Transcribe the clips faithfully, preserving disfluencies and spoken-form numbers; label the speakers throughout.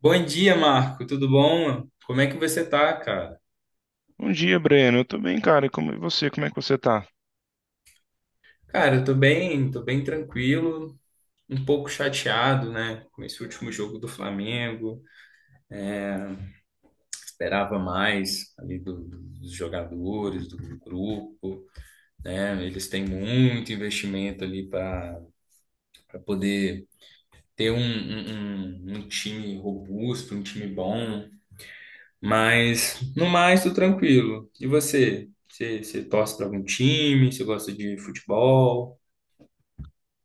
Speaker 1: Bom dia, Marco. Tudo bom? Como é que você tá, cara?
Speaker 2: Bom dia, Breno. Eu tô bem, cara. E como e você? Como é que você tá?
Speaker 1: Cara, eu tô bem, tô bem tranquilo, um pouco chateado, né, com esse último jogo do Flamengo. Esperava mais ali do- do- dos jogadores, do grupo, né? Eles têm muito investimento ali para para poder ter um, um, um um time robusto, um time bom. Mas, no mais, tô tranquilo. E você? Você, você torce para algum time? Você gosta de futebol?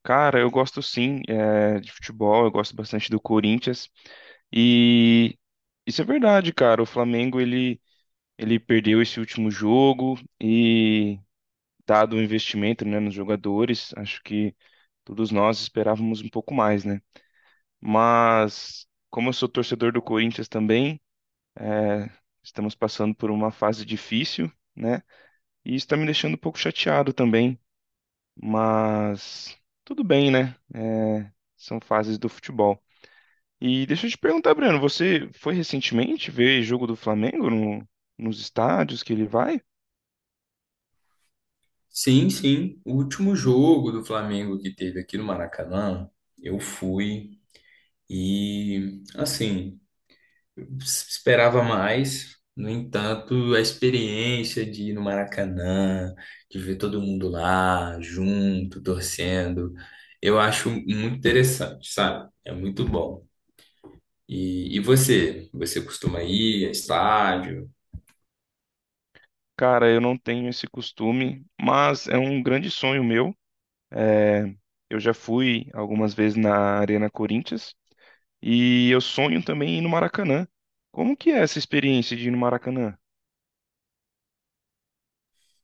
Speaker 2: Cara, eu gosto sim, é, de futebol, eu gosto bastante do Corinthians. E isso é verdade, cara. O Flamengo, ele, ele perdeu esse último jogo e, dado o investimento, né, nos jogadores, acho que todos nós esperávamos um pouco mais, né? Mas como eu sou torcedor do Corinthians também, é, estamos passando por uma fase difícil, né? E isso tá me deixando um pouco chateado também. Mas tudo bem, né? É, são fases do futebol. E deixa eu te perguntar, Breno, você foi recentemente ver jogo do Flamengo no- nos estádios que ele vai?
Speaker 1: Sim, sim. O último jogo do Flamengo que teve aqui no Maracanã, eu fui e, assim, s- esperava mais. No entanto, a experiência de ir no Maracanã, de ver todo mundo lá, junto, torcendo, eu acho muito interessante, sabe? É muito bom. E, e você? Você costuma ir a estádio?
Speaker 2: Cara, eu não tenho esse costume, mas é um grande sonho meu. É, eu já fui algumas vezes na Arena Corinthians e eu sonho também em ir no Maracanã. Como que é essa experiência de ir no Maracanã?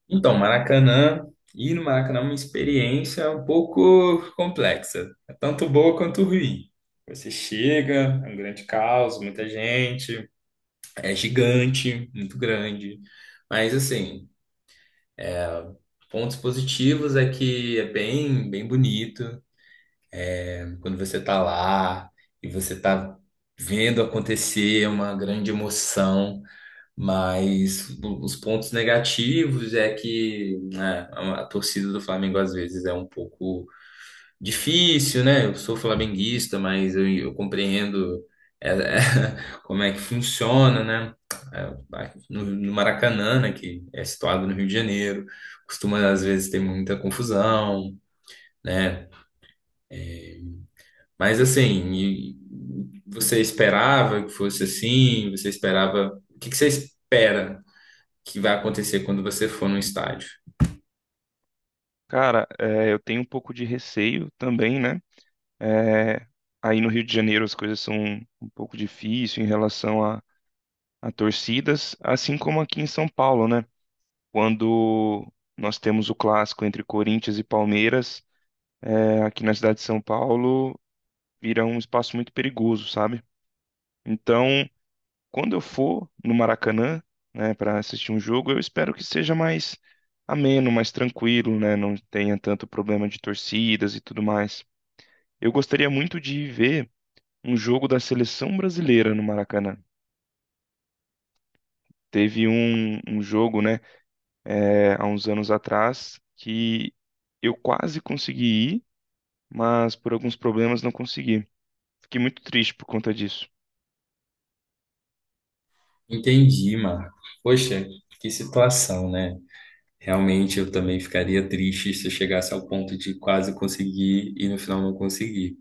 Speaker 1: Então, Maracanã, ir no Maracanã é uma experiência um pouco complexa. É tanto boa quanto ruim. Você chega, é um grande caos, muita gente, é gigante, muito grande. Mas, assim, pontos positivos é que é bem, bem bonito. Quando você tá lá e você tá vendo acontecer, é uma grande emoção. Mas os pontos negativos é que né, a torcida do Flamengo às vezes é um pouco difícil, né? Eu sou flamenguista, mas eu, eu compreendo é, é, como é que funciona, né? É, No, no Maracanã, né, que é situado no Rio de Janeiro, costuma às vezes ter muita confusão, né? Mas assim, e- você esperava que fosse assim? Você esperava. O que que você espera que vai acontecer quando você for num estádio?
Speaker 2: Cara, é, eu tenho um pouco de receio também, né? É, aí no Rio de Janeiro as coisas são um pouco difíceis em relação a, a torcidas, assim como aqui em São Paulo, né? Quando nós temos o clássico entre Corinthians e Palmeiras, é, aqui na cidade de São Paulo, vira um espaço muito perigoso, sabe? Então, quando eu for no Maracanã, né, para assistir um jogo, eu espero que seja mais ameno, mais tranquilo, né? Não tenha tanto problema de torcidas e tudo mais. Eu gostaria muito de ver um jogo da seleção brasileira no Maracanã. Teve um, um jogo, né, é, há uns anos atrás, que eu quase consegui ir, mas por alguns problemas não consegui. Fiquei muito triste por conta disso.
Speaker 1: Entendi, Marco. Poxa, que situação, né? Realmente eu também ficaria triste se eu chegasse ao ponto de quase conseguir e no final não conseguir.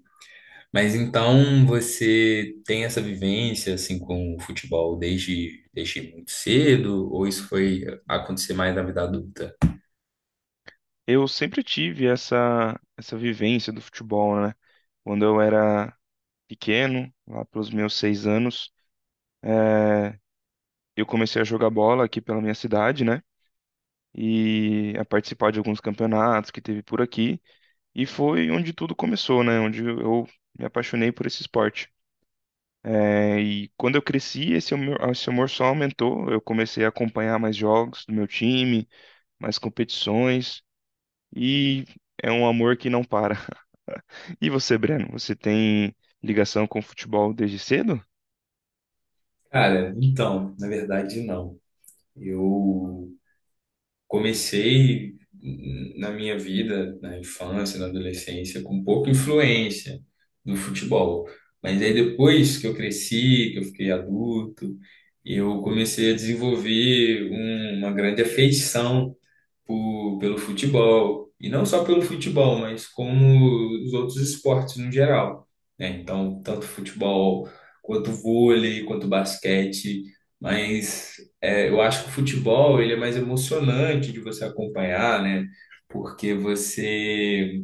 Speaker 1: Mas então você tem essa vivência assim com o futebol desde, desde muito cedo ou isso foi acontecer mais na vida adulta?
Speaker 2: Eu sempre tive essa, essa vivência do futebol, né? Quando eu era pequeno, lá pelos meus seis anos, é, eu comecei a jogar bola aqui pela minha cidade, né? E a participar de alguns campeonatos que teve por aqui. E foi onde tudo começou, né? Onde eu me apaixonei por esse esporte. É, e quando eu cresci, esse amor, esse amor só aumentou. Eu comecei a acompanhar mais jogos do meu time, mais competições, e é um amor que não para. E você, Breno, você tem ligação com o futebol desde cedo?
Speaker 1: Cara, então, na verdade, não. Eu comecei na minha vida, na infância, na adolescência, com pouca influência no futebol. Mas aí depois que eu cresci, que eu fiquei adulto, eu comecei a desenvolver um- uma grande afeição por- pelo futebol, e não só pelo futebol, mas como os outros esportes no geral, né? Então, tanto futebol quanto vôlei, quanto basquete, mas é, eu acho que o futebol ele é mais emocionante de você acompanhar, né? Porque você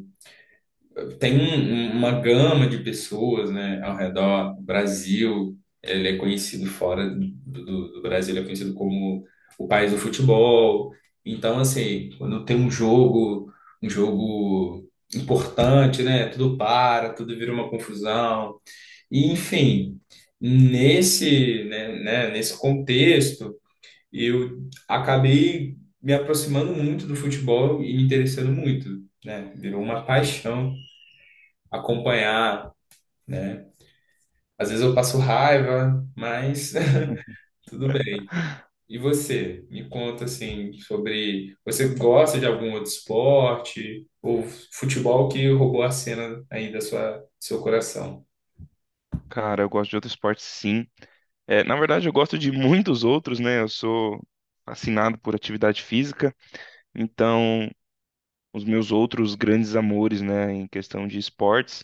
Speaker 1: tem um- um, uma gama de pessoas, né, ao redor do Brasil. Ele é conhecido fora do, do- do Brasil, ele é conhecido como o país do futebol. Então, assim, quando tem um jogo, um jogo importante, né, tudo para, tudo vira uma confusão. E, enfim, nesse, né, né, nesse contexto, eu acabei me aproximando muito do futebol e me interessando muito, né? Virou uma paixão acompanhar, né? Às vezes eu passo raiva, mas
Speaker 2: Uhum.
Speaker 1: tudo bem. E você? Me conta assim sobre você gosta de algum outro esporte ou futebol que roubou a cena aí da sua seu coração?
Speaker 2: Cara, eu gosto de outros esportes, sim. É, na verdade, eu gosto de muitos outros, né? Eu sou fascinado por atividade física, então os meus outros grandes amores, né, em questão de esportes.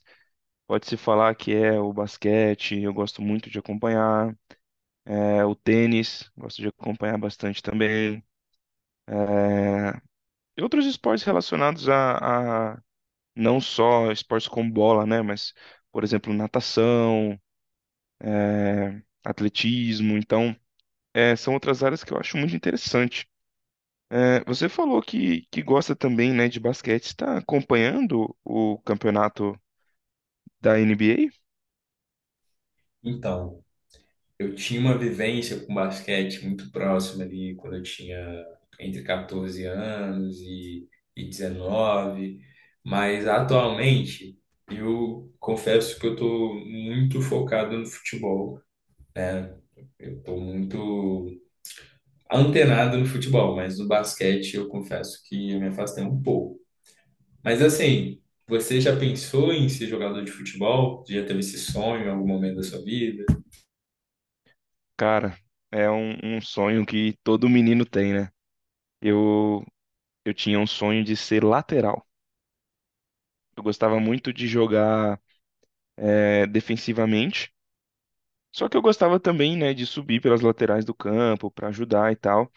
Speaker 2: Pode-se falar que é o basquete, eu gosto muito de acompanhar, é o tênis, gosto de acompanhar bastante também. É, e outros esportes relacionados a, a não só esportes com bola, né, mas, por exemplo, natação, é, atletismo. Então, é, são outras áreas que eu acho muito interessante. É, você falou que, que gosta também, né, de basquete. Está acompanhando o campeonato da N B A?
Speaker 1: Então, eu tinha uma vivência com basquete muito próxima ali quando eu tinha entre quatorze anos e, e dezenove, mas atualmente eu confesso que eu estou muito focado no futebol. Eu tô muito antenado no futebol, mas no basquete eu confesso que eu me afastei um pouco. Mas assim, você já pensou em ser jogador de futebol? Já teve esse sonho em algum momento da sua vida?
Speaker 2: Cara, é um, um sonho que todo menino tem, né? Eu, eu tinha um sonho de ser lateral. Eu gostava muito de jogar é, defensivamente, só que eu gostava também, né, de subir pelas laterais do campo para ajudar e tal.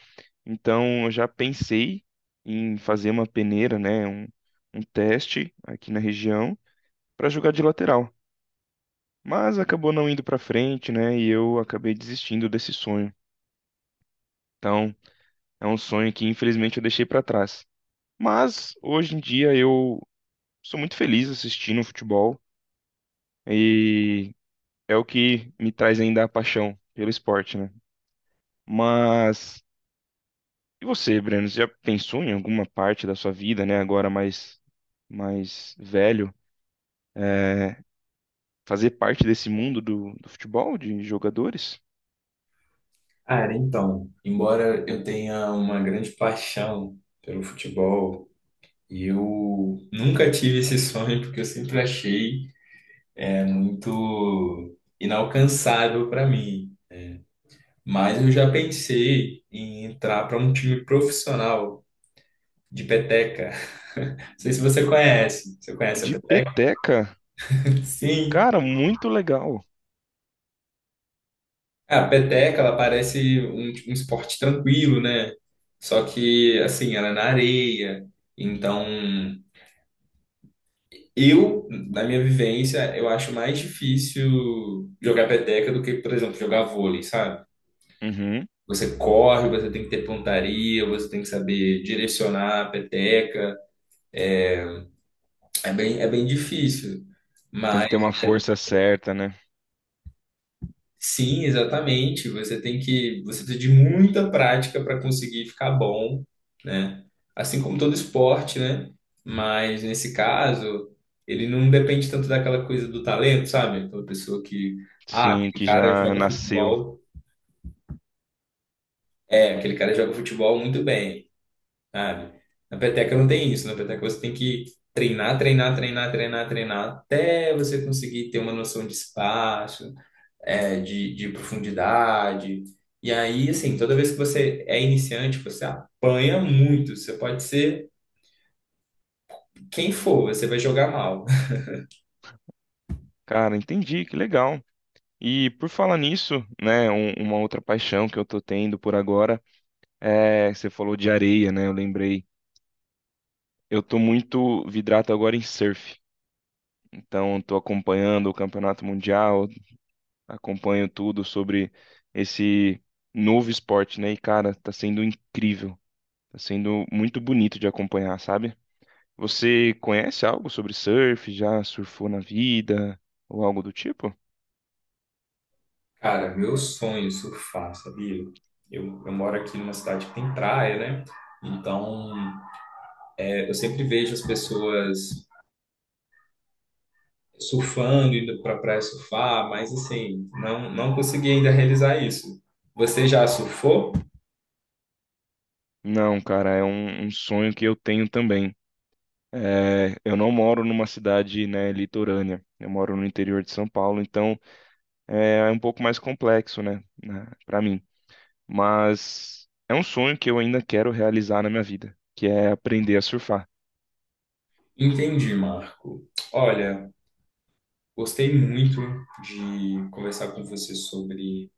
Speaker 2: Então, eu já pensei em fazer uma peneira, né, um, um teste aqui na região para jogar de lateral. Mas acabou não indo para frente, né, e eu acabei desistindo desse sonho. Então, é um sonho que infelizmente eu deixei para trás. Mas hoje em dia eu sou muito feliz assistindo futebol e é o que me traz ainda a paixão pelo esporte, né? Mas e você, Breno? Você já pensou em alguma parte da sua vida, né? Agora mais mais velho, é, fazer parte desse mundo do, do futebol de jogadores?
Speaker 1: Cara, então, embora eu tenha uma grande paixão pelo futebol, eu nunca tive esse sonho porque eu sempre achei é, muito inalcançável para mim. Mas eu já pensei em entrar para um time profissional de peteca. Não sei se você conhece. Você conhece a
Speaker 2: De
Speaker 1: peteca?
Speaker 2: peteca,
Speaker 1: Sim.
Speaker 2: cara, muito legal.
Speaker 1: A peteca, ela parece um, tipo, um esporte tranquilo, né? Só que, assim, ela é na areia. Então, eu, na minha vivência, eu acho mais difícil jogar peteca do que, por exemplo, jogar vôlei, sabe?
Speaker 2: Uhum.
Speaker 1: Você corre, você tem que ter pontaria, você tem que saber direcionar a peteca. É bem, é bem difícil.
Speaker 2: Tem que
Speaker 1: Mas
Speaker 2: ter uma força certa, né?
Speaker 1: sim, exatamente. Você tem que, você precisa de muita prática para conseguir ficar bom, né? Assim como todo esporte, né? Mas nesse caso, ele não depende tanto daquela coisa do talento, sabe? Aquela pessoa que, ah,
Speaker 2: Sim,
Speaker 1: aquele
Speaker 2: que
Speaker 1: cara
Speaker 2: já
Speaker 1: joga
Speaker 2: nasceu.
Speaker 1: futebol, é, aquele cara joga futebol muito bem, sabe? Na peteca não tem isso, na peteca você tem que treinar, treinar, treinar, treinar, treinar, até você conseguir ter uma noção de espaço, é, de, de profundidade. E aí, assim, toda vez que você é iniciante, você apanha muito. Você pode ser quem for, você vai jogar mal.
Speaker 2: Cara, entendi, que legal. E por falar nisso, né, um- uma outra paixão que eu tô tendo por agora é, você falou de areia, né? Eu lembrei. Eu tô muito vidrado agora em surf. Então, tô acompanhando o Campeonato Mundial, acompanho tudo sobre esse novo esporte, né? E cara, tá sendo incrível. Tá sendo muito bonito de acompanhar, sabe? Você conhece algo sobre surf? Já surfou na vida ou algo do tipo?
Speaker 1: Cara, meu sonho é surfar, sabia? Eu, eu moro aqui numa cidade que tem praia, né? Então, é, eu sempre vejo as pessoas surfando, indo pra praia surfar, mas assim, não, não consegui ainda realizar isso. Você já surfou?
Speaker 2: Não, cara, é um um sonho que eu tenho também. É, eu não moro numa cidade, né, litorânea. Eu moro no interior de São Paulo, então é, é um pouco mais complexo, né, né, para mim. Mas é um sonho que eu ainda quero realizar na minha vida, que é aprender a surfar.
Speaker 1: Entendi, Marco. Olha, gostei muito de conversar com você sobre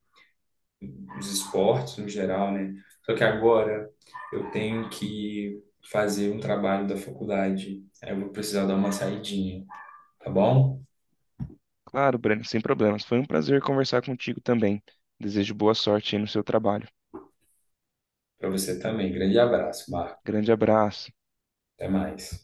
Speaker 1: os esportes no geral, né? Só que agora eu tenho que fazer um trabalho da faculdade. Aí eu vou precisar dar uma saidinha, tá bom?
Speaker 2: Claro, Breno, sem problemas. Foi um prazer conversar contigo também. Desejo boa sorte aí no seu trabalho.
Speaker 1: Para você também. Grande abraço, Marco.
Speaker 2: Grande abraço.
Speaker 1: Até mais.